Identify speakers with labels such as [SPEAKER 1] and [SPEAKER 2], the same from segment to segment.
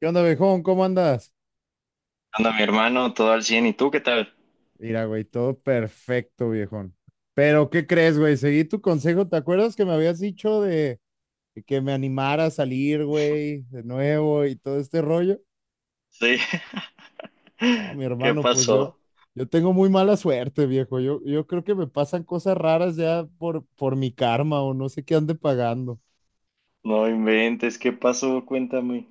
[SPEAKER 1] ¿Qué onda, viejón? ¿Cómo andas?
[SPEAKER 2] Anda, mi hermano, todo al 100. ¿Y tú qué tal?
[SPEAKER 1] Mira, güey, todo perfecto, viejón. Pero, ¿qué crees, güey? Seguí tu consejo. ¿Te acuerdas que me habías dicho de que me animara a salir, güey, de nuevo y todo este rollo?
[SPEAKER 2] Sí.
[SPEAKER 1] No, mi
[SPEAKER 2] ¿Qué
[SPEAKER 1] hermano, pues yo,
[SPEAKER 2] pasó?
[SPEAKER 1] yo tengo muy mala suerte, viejo. Yo creo que me pasan cosas raras ya por mi karma o no sé qué ande pagando.
[SPEAKER 2] No inventes, ¿qué pasó? Cuéntame.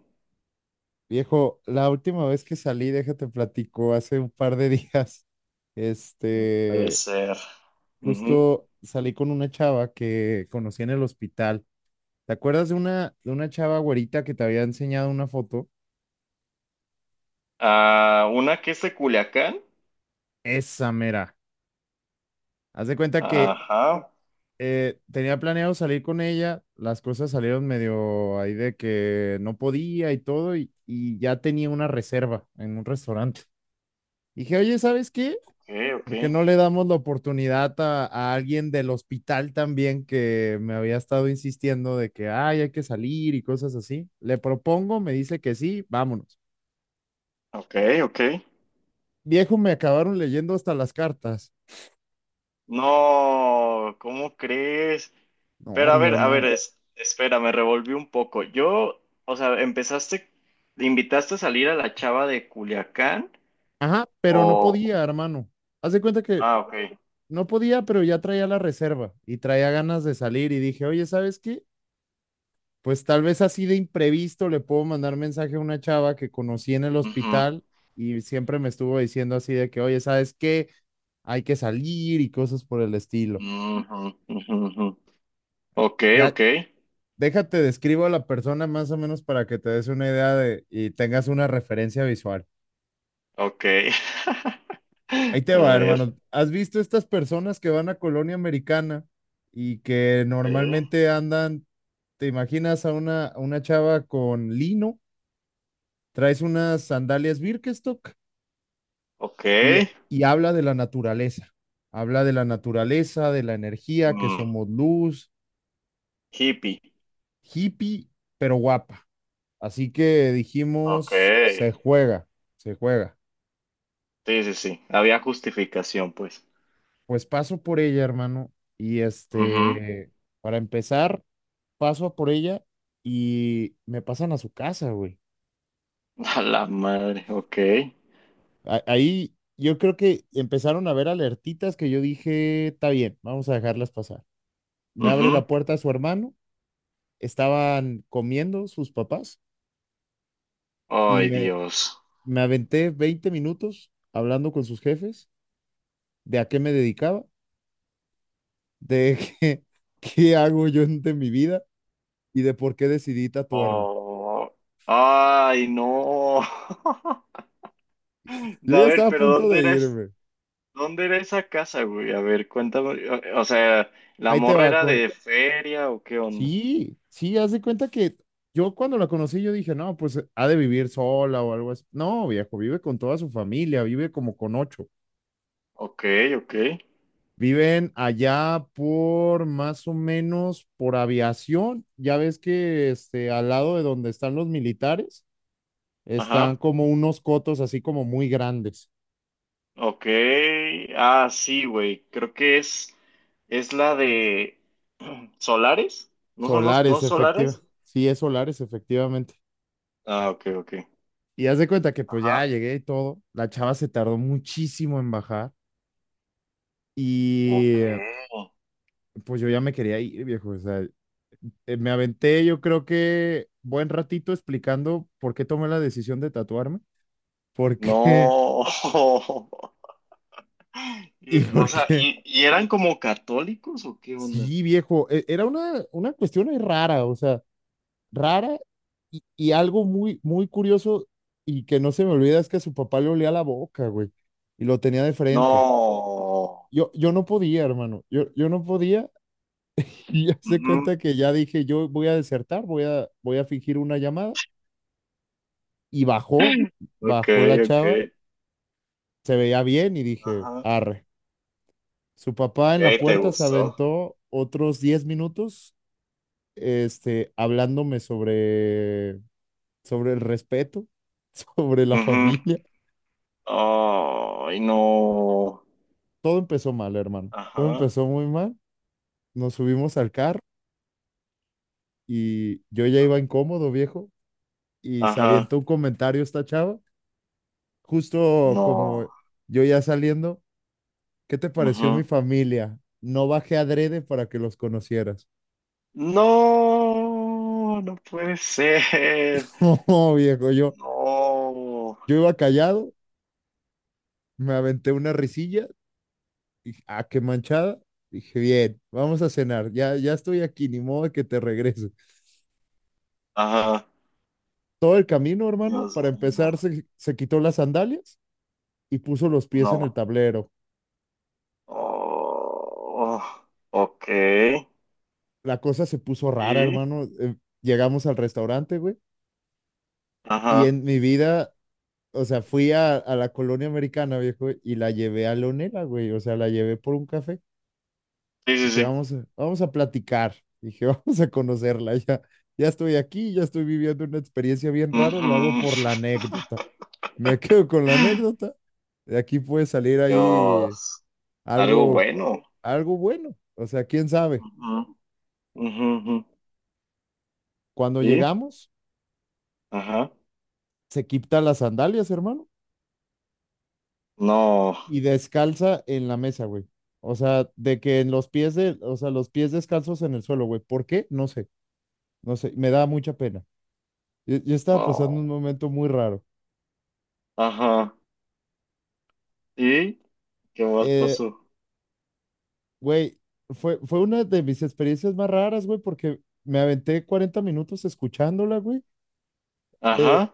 [SPEAKER 1] Viejo, la última vez que salí, déjate platico, hace un par de días.
[SPEAKER 2] Puede
[SPEAKER 1] Este,
[SPEAKER 2] ser. Ujú.
[SPEAKER 1] Justo salí con una chava que conocí en el hospital. ¿Te acuerdas de una chava güerita que te había enseñado una foto?
[SPEAKER 2] Ah, una que es de Culiacán.
[SPEAKER 1] Esa mera. Haz de cuenta que
[SPEAKER 2] Ajá.
[SPEAKER 1] tenía planeado salir con ella, las cosas salieron medio ahí de que no podía y todo, y ya tenía una reserva en un restaurante. Dije, oye, ¿sabes qué?
[SPEAKER 2] Ok, ok.
[SPEAKER 1] ¿Por qué no le damos la oportunidad a alguien del hospital también que me había estado insistiendo de que ay, hay que salir y cosas así? Le propongo, me dice que sí, vámonos.
[SPEAKER 2] Ok, ok.
[SPEAKER 1] Viejo, me acabaron leyendo hasta las cartas.
[SPEAKER 2] No, ¿cómo crees?
[SPEAKER 1] No,
[SPEAKER 2] Pero
[SPEAKER 1] mi
[SPEAKER 2] a ver,
[SPEAKER 1] hermano.
[SPEAKER 2] espera, me revolví un poco. O sea, empezaste, ¿invitaste a salir a la chava de Culiacán?
[SPEAKER 1] Ajá, pero no
[SPEAKER 2] O.
[SPEAKER 1] podía, hermano. Haz de cuenta que
[SPEAKER 2] Ah, ok.
[SPEAKER 1] no podía, pero ya traía la reserva y traía ganas de salir y dije, oye, ¿sabes qué? Pues tal vez así de imprevisto le puedo mandar mensaje a una chava que conocí en el hospital y siempre me estuvo diciendo así de que, oye, ¿sabes qué? Hay que salir y cosas por el estilo.
[SPEAKER 2] Ujú, ujú, ujú. Ok, ok,
[SPEAKER 1] La, déjate, describo a la persona más o menos para que te des una idea de y tengas una referencia visual.
[SPEAKER 2] ok.
[SPEAKER 1] Ahí te
[SPEAKER 2] A
[SPEAKER 1] va, hermano.
[SPEAKER 2] ver.
[SPEAKER 1] ¿Has visto estas personas que van a colonia americana y que
[SPEAKER 2] Sí.
[SPEAKER 1] normalmente andan, te imaginas a una chava con lino, traes unas sandalias Birkenstock
[SPEAKER 2] Ok.
[SPEAKER 1] y, y habla de la naturaleza. Habla de la naturaleza, de la energía, que
[SPEAKER 2] Mm,
[SPEAKER 1] somos luz,
[SPEAKER 2] Hippie.
[SPEAKER 1] hippie, pero guapa. Así que
[SPEAKER 2] Ok.
[SPEAKER 1] dijimos, se juega, se juega.
[SPEAKER 2] Sí, sí, sí. Había justificación, pues.
[SPEAKER 1] Pues paso por ella, hermano. Y
[SPEAKER 2] Ujú.
[SPEAKER 1] para empezar, paso a por ella y me pasan a su casa, güey.
[SPEAKER 2] A la madre. Ok.
[SPEAKER 1] Ahí yo creo que empezaron a ver alertitas que yo dije, está bien, vamos a dejarlas pasar. Me abre
[SPEAKER 2] Ujú.
[SPEAKER 1] la puerta su hermano, estaban comiendo sus papás y
[SPEAKER 2] Ay,
[SPEAKER 1] me,
[SPEAKER 2] Dios.
[SPEAKER 1] me aventé 20 minutos hablando con sus jefes de a qué me dedicaba, de qué hago yo de mi vida y de por qué decidí tatuarme.
[SPEAKER 2] Oh. Ay, no.
[SPEAKER 1] Yo
[SPEAKER 2] A
[SPEAKER 1] ya
[SPEAKER 2] ver,
[SPEAKER 1] estaba a
[SPEAKER 2] pero
[SPEAKER 1] punto
[SPEAKER 2] ¿dónde
[SPEAKER 1] de
[SPEAKER 2] era, es-
[SPEAKER 1] irme.
[SPEAKER 2] dónde era esa casa, güey? A ver, cuéntame. O sea, ¿la
[SPEAKER 1] Ahí te
[SPEAKER 2] morra
[SPEAKER 1] va
[SPEAKER 2] era
[SPEAKER 1] con.
[SPEAKER 2] de feria o qué onda?
[SPEAKER 1] Sí, sí, haz de cuenta que yo cuando la conocí yo dije, no, pues ha de vivir sola o algo así. No, viejo, vive con toda su familia, vive como con ocho.
[SPEAKER 2] Ok, ok.
[SPEAKER 1] Viven allá por más o menos por aviación. Ya ves que este, al lado de donde están los militares, están
[SPEAKER 2] Ajá.
[SPEAKER 1] como unos cotos así como muy grandes.
[SPEAKER 2] Ok. Ah, sí, güey. Creo que es la de Solares. ¿No son los, no
[SPEAKER 1] Solares, efectiva.
[SPEAKER 2] Solares?
[SPEAKER 1] Sí, es solares, efectivamente.
[SPEAKER 2] Ah, ok, ok.
[SPEAKER 1] Y haz de cuenta que pues ya
[SPEAKER 2] Ajá.
[SPEAKER 1] llegué y todo. La chava se tardó muchísimo en bajar. Y
[SPEAKER 2] Ok.
[SPEAKER 1] pues yo ya me quería ir, viejo. O sea, me aventé yo creo que buen ratito explicando por qué tomé la decisión de tatuarme. ¿Por qué?
[SPEAKER 2] No.
[SPEAKER 1] Y
[SPEAKER 2] O sea,
[SPEAKER 1] porque,
[SPEAKER 2] ¿y eran como católicos o qué onda?
[SPEAKER 1] sí, viejo, era una cuestión ahí rara. O sea, rara y algo muy, muy curioso y que no se me olvida es que su papá le olía la boca, güey, y lo tenía de frente.
[SPEAKER 2] No.
[SPEAKER 1] Yo no podía, hermano, yo no podía y ya se
[SPEAKER 2] Ujú.
[SPEAKER 1] cuenta que ya dije, yo voy a desertar, voy a fingir una llamada y bajó,
[SPEAKER 2] Ok,
[SPEAKER 1] bajó la
[SPEAKER 2] ok.
[SPEAKER 1] chava, se veía bien y dije,
[SPEAKER 2] Ajá. Ok,
[SPEAKER 1] arre. Su papá en la
[SPEAKER 2] ¿te
[SPEAKER 1] puerta se
[SPEAKER 2] gustó?
[SPEAKER 1] aventó otros 10 minutos este, hablándome sobre el respeto, sobre la
[SPEAKER 2] Ujú.
[SPEAKER 1] familia,
[SPEAKER 2] Ay, no.
[SPEAKER 1] todo empezó mal, hermano. Todo
[SPEAKER 2] Ajá.
[SPEAKER 1] empezó muy mal. Nos subimos al carro y yo ya iba incómodo, viejo, y se
[SPEAKER 2] Ajá,
[SPEAKER 1] avientó un comentario esta chava, justo como
[SPEAKER 2] no.
[SPEAKER 1] yo ya saliendo, ¿qué te pareció mi
[SPEAKER 2] Ujú.
[SPEAKER 1] familia? No bajé adrede para que los conocieras.
[SPEAKER 2] No, no puede ser.
[SPEAKER 1] Oh, viejo, yo,
[SPEAKER 2] No.
[SPEAKER 1] yo iba callado, me aventé una risilla, dije, ah, qué manchada. Dije, bien, vamos a cenar, ya, ya estoy aquí, ni modo de que te regreses.
[SPEAKER 2] Ajá,
[SPEAKER 1] Todo el camino, hermano,
[SPEAKER 2] Dios
[SPEAKER 1] para
[SPEAKER 2] mío.
[SPEAKER 1] empezar, se quitó las sandalias y puso los pies en el
[SPEAKER 2] No.
[SPEAKER 1] tablero.
[SPEAKER 2] Oh, ok.
[SPEAKER 1] La cosa se puso rara,
[SPEAKER 2] Y,
[SPEAKER 1] hermano. Llegamos al restaurante, güey, y
[SPEAKER 2] ajá.
[SPEAKER 1] en mi vida, o sea, fui a la colonia americana, viejo, y la llevé a Leonela, güey, o sea, la llevé por un café.
[SPEAKER 2] Sí, sí,
[SPEAKER 1] Dije,
[SPEAKER 2] sí.
[SPEAKER 1] vamos a platicar, dije, vamos a conocerla, ya, ya estoy aquí, ya estoy viviendo una experiencia bien raro,
[SPEAKER 2] Ujú.
[SPEAKER 1] lo hago por la anécdota. Me quedo con la anécdota. De aquí puede salir ahí
[SPEAKER 2] Dios. Algo
[SPEAKER 1] algo,
[SPEAKER 2] bueno.
[SPEAKER 1] algo bueno. O sea, quién sabe.
[SPEAKER 2] Ujú, ujú, ujú.
[SPEAKER 1] Cuando
[SPEAKER 2] Y,
[SPEAKER 1] llegamos,
[SPEAKER 2] ajá.
[SPEAKER 1] se quita las sandalias, hermano,
[SPEAKER 2] No.
[SPEAKER 1] y descalza en la mesa, güey. O sea, de que en los pies de, o sea, los pies descalzos en el suelo, güey. ¿Por qué? No sé, no sé, me da mucha pena. Yo estaba pasando
[SPEAKER 2] Oh,
[SPEAKER 1] un momento muy raro.
[SPEAKER 2] ajá. ¿Y qué más
[SPEAKER 1] Eh,
[SPEAKER 2] pasó?
[SPEAKER 1] güey, fue una de mis experiencias más raras, güey, porque me aventé 40 minutos escuchándola, güey, eh,
[SPEAKER 2] Ajá.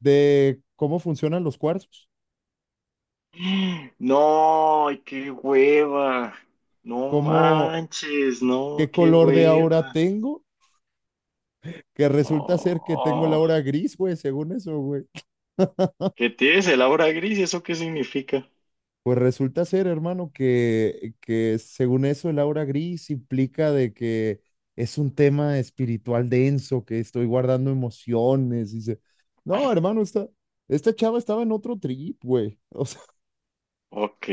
[SPEAKER 1] de cómo funcionan los cuarzos,
[SPEAKER 2] No, ay, qué hueva. No
[SPEAKER 1] cómo,
[SPEAKER 2] manches, no,
[SPEAKER 1] qué
[SPEAKER 2] qué
[SPEAKER 1] color de aura
[SPEAKER 2] hueva.
[SPEAKER 1] tengo, que resulta ser
[SPEAKER 2] Oh,
[SPEAKER 1] que tengo la
[SPEAKER 2] oh.
[SPEAKER 1] aura gris, güey, según eso, güey.
[SPEAKER 2] ¿Qué tienes el aura gris? ¿Eso qué significa?
[SPEAKER 1] Pues resulta ser, hermano, que según eso el aura gris implica de que es un tema espiritual denso, que estoy guardando emociones. Dice, no, hermano, esta chava estaba en otro trip, güey. O sea,
[SPEAKER 2] Ok,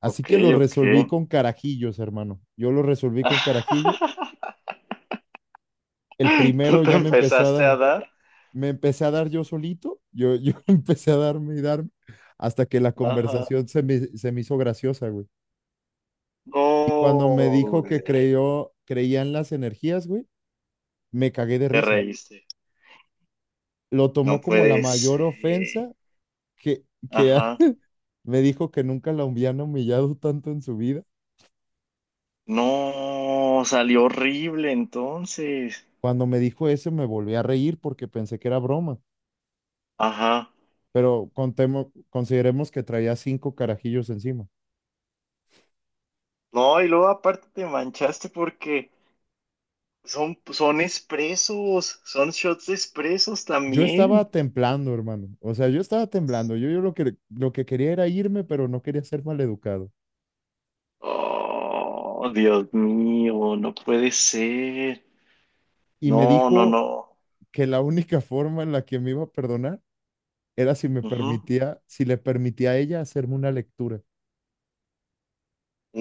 [SPEAKER 1] así
[SPEAKER 2] ok,
[SPEAKER 1] que lo
[SPEAKER 2] ok.
[SPEAKER 1] resolví con carajillos, hermano. Yo lo resolví con carajillo. El
[SPEAKER 2] ¿Tú
[SPEAKER 1] primero
[SPEAKER 2] te
[SPEAKER 1] ya me empezó a
[SPEAKER 2] empezaste a
[SPEAKER 1] dar,
[SPEAKER 2] dar?
[SPEAKER 1] me empecé a dar yo solito, yo empecé a darme y darme, hasta que la
[SPEAKER 2] Ajá.
[SPEAKER 1] conversación se me hizo graciosa, güey. Y cuando me
[SPEAKER 2] No,
[SPEAKER 1] dijo que
[SPEAKER 2] güey,
[SPEAKER 1] creía en las energías, güey, me cagué de
[SPEAKER 2] te
[SPEAKER 1] risa.
[SPEAKER 2] reíste.
[SPEAKER 1] Lo
[SPEAKER 2] No
[SPEAKER 1] tomó como la
[SPEAKER 2] puede ser.
[SPEAKER 1] mayor ofensa. que, que ha-
[SPEAKER 2] Ajá.
[SPEAKER 1] Me dijo que nunca la habían humillado tanto en su vida.
[SPEAKER 2] No, salió horrible entonces.
[SPEAKER 1] Cuando me dijo eso, me volví a reír porque pensé que era broma,
[SPEAKER 2] Ajá.
[SPEAKER 1] pero consideremos que traía cinco carajillos encima.
[SPEAKER 2] No, y luego aparte te manchaste porque. Son expresos, son shots de expresos
[SPEAKER 1] Yo
[SPEAKER 2] también.
[SPEAKER 1] estaba temblando, hermano. O sea, yo estaba temblando. Yo lo que quería era irme, pero no quería ser maleducado.
[SPEAKER 2] Oh, Dios mío, no puede ser.
[SPEAKER 1] Y me
[SPEAKER 2] No, no,
[SPEAKER 1] dijo
[SPEAKER 2] no.
[SPEAKER 1] que la única forma en la que me iba a perdonar era
[SPEAKER 2] Ujú.
[SPEAKER 1] si le permitía a ella hacerme una lectura.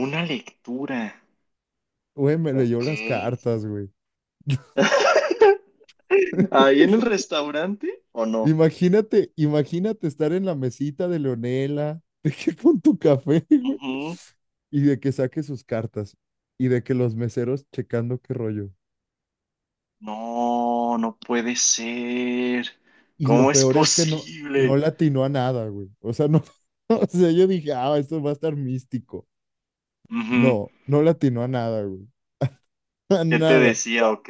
[SPEAKER 2] Una lectura.
[SPEAKER 1] Güey, me leyó
[SPEAKER 2] Ok.
[SPEAKER 1] las cartas, güey.
[SPEAKER 2] ¿Ahí en el restaurante o no?
[SPEAKER 1] Imagínate estar en la mesita de Leonela, de que con tu café, güey,
[SPEAKER 2] Ujú.
[SPEAKER 1] y de que saque sus cartas, y de que los meseros checando qué rollo.
[SPEAKER 2] No, no puede ser.
[SPEAKER 1] Y
[SPEAKER 2] ¿Cómo
[SPEAKER 1] lo
[SPEAKER 2] es
[SPEAKER 1] peor es que no, no
[SPEAKER 2] posible?
[SPEAKER 1] le atinó a nada, güey. O sea, no, o sea, yo dije, ah, esto va a estar místico.
[SPEAKER 2] Ujú.
[SPEAKER 1] No, no le atinó a nada, güey. A
[SPEAKER 2] ¿Qué te
[SPEAKER 1] nada.
[SPEAKER 2] decía? Ok.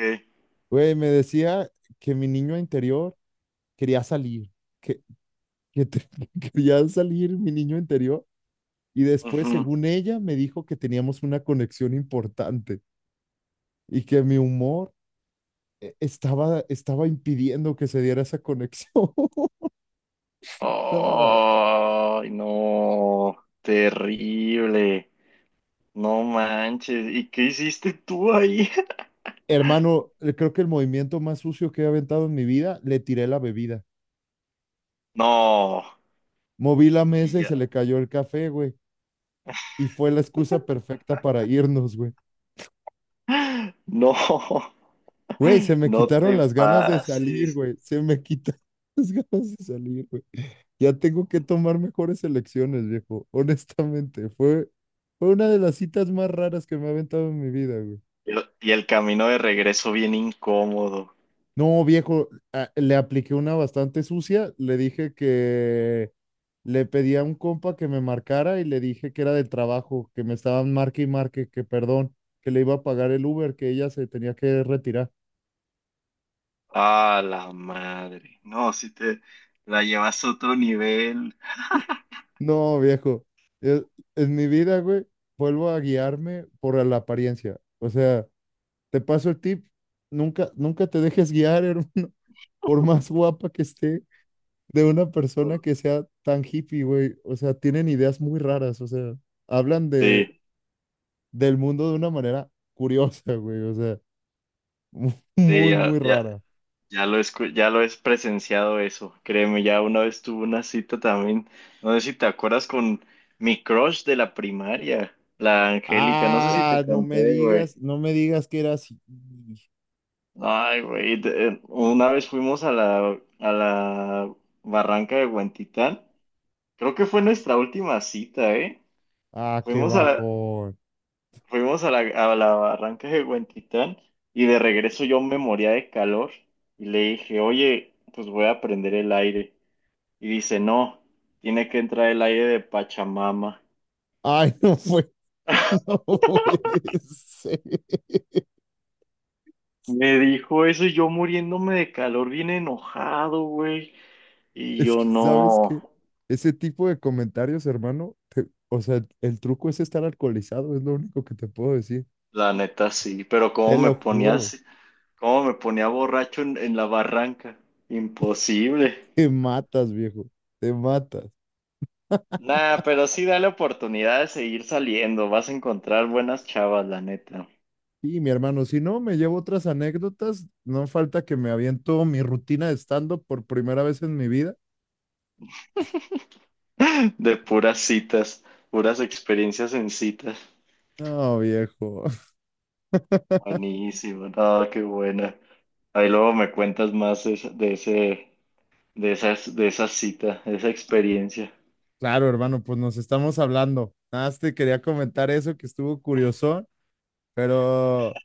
[SPEAKER 1] Güey, me decía que mi niño interior quería salir, que que te- que quería salir mi niño interior y después,
[SPEAKER 2] Ujú.
[SPEAKER 1] según ella, me dijo que teníamos una conexión importante y que mi humor estaba impidiendo que se diera esa conexión. No,
[SPEAKER 2] Ay, no. Terrible. No manches, ¿y qué hiciste tú ahí?
[SPEAKER 1] hermano, creo que el movimiento más sucio que he aventado en mi vida, le tiré la bebida.
[SPEAKER 2] No,
[SPEAKER 1] Moví la
[SPEAKER 2] y
[SPEAKER 1] mesa y
[SPEAKER 2] ya.
[SPEAKER 1] se le cayó el café, güey. Y fue la excusa perfecta para irnos, güey.
[SPEAKER 2] No,
[SPEAKER 1] Güey, se me
[SPEAKER 2] no
[SPEAKER 1] quitaron
[SPEAKER 2] te
[SPEAKER 1] las ganas de salir,
[SPEAKER 2] pases.
[SPEAKER 1] güey. Se me quitaron las ganas de salir, güey. Ya tengo que tomar mejores elecciones, viejo. Honestamente, fue una de las citas más raras que me ha aventado en mi vida, güey.
[SPEAKER 2] Y el camino de regreso bien incómodo.
[SPEAKER 1] No, viejo, le apliqué una bastante sucia. Le dije que le pedí a un compa que me marcara y le dije que era del trabajo, que me estaban marque y marque, que perdón, que le iba a pagar el Uber, que ella se tenía que retirar.
[SPEAKER 2] Ah, la madre. No, si te la llevas a otro nivel.
[SPEAKER 1] No, viejo, e- en mi vida, güey, vuelvo a guiarme por la apariencia. O sea. Te paso el tip. Nunca, nunca te dejes guiar, hermano, por más guapa que esté, de una persona que sea tan hippie, güey. O sea, tienen ideas muy raras, o sea, hablan de,
[SPEAKER 2] Sí,
[SPEAKER 1] del mundo de una manera curiosa, güey. O sea, mu-
[SPEAKER 2] sí,
[SPEAKER 1] muy,
[SPEAKER 2] ya,
[SPEAKER 1] muy
[SPEAKER 2] ya,
[SPEAKER 1] rara.
[SPEAKER 2] ya lo he presenciado eso. Créeme, ya una vez tuve una cita también. No sé si te acuerdas con mi crush de la primaria, la Angélica. No sé si te
[SPEAKER 1] Ah, no me
[SPEAKER 2] conté, güey.
[SPEAKER 1] digas, no me digas que era así.
[SPEAKER 2] Ay, güey, una vez fuimos a la barranca de Huentitán. Creo que fue nuestra última cita, ¿eh?
[SPEAKER 1] Ah, qué
[SPEAKER 2] Fuimos a la,
[SPEAKER 1] bajón.
[SPEAKER 2] fuimos a la barranca de Huentitán y de regreso yo me moría de calor y le dije, oye, pues voy a prender el aire. Y dice, no, tiene que entrar el aire de Pachamama.
[SPEAKER 1] Ay, no fue, no puede ser.
[SPEAKER 2] Me dijo eso y yo muriéndome de calor, bien enojado, güey. Y
[SPEAKER 1] Es
[SPEAKER 2] yo
[SPEAKER 1] que, ¿sabes
[SPEAKER 2] no.
[SPEAKER 1] qué? Ese tipo de comentarios, hermano, o sea, el truco es estar alcoholizado, es lo único que te puedo decir.
[SPEAKER 2] La neta sí, pero
[SPEAKER 1] Te
[SPEAKER 2] cómo me
[SPEAKER 1] lo juro,
[SPEAKER 2] ponías. ¿Cómo me ponía borracho en la barranca? Imposible.
[SPEAKER 1] te matas, viejo, te matas.
[SPEAKER 2] Nah, pero sí dale oportunidad de seguir saliendo. Vas a encontrar buenas chavas, la neta.
[SPEAKER 1] Y mi hermano, si no, me llevo otras anécdotas, no falta que me aviento mi rutina de stand-up por primera vez en mi vida.
[SPEAKER 2] De puras citas, puras experiencias en citas.
[SPEAKER 1] No, viejo.
[SPEAKER 2] Buenísimo, no, qué buena. Ahí luego me cuentas más de esa cita, de esa experiencia.
[SPEAKER 1] Claro, hermano, pues nos estamos hablando. Nada más te quería comentar eso que estuvo curioso, pero,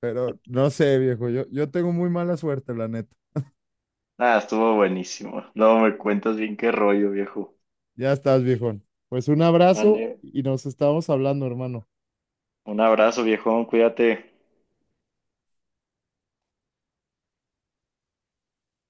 [SPEAKER 1] pero no sé, viejo, yo tengo muy mala suerte, la neta.
[SPEAKER 2] Ah, estuvo buenísimo. Luego me cuentas bien qué rollo, viejo.
[SPEAKER 1] Ya estás, viejón. Pues un abrazo
[SPEAKER 2] Ande,
[SPEAKER 1] y nos estamos hablando, hermano.
[SPEAKER 2] un abrazo, viejo, cuídate.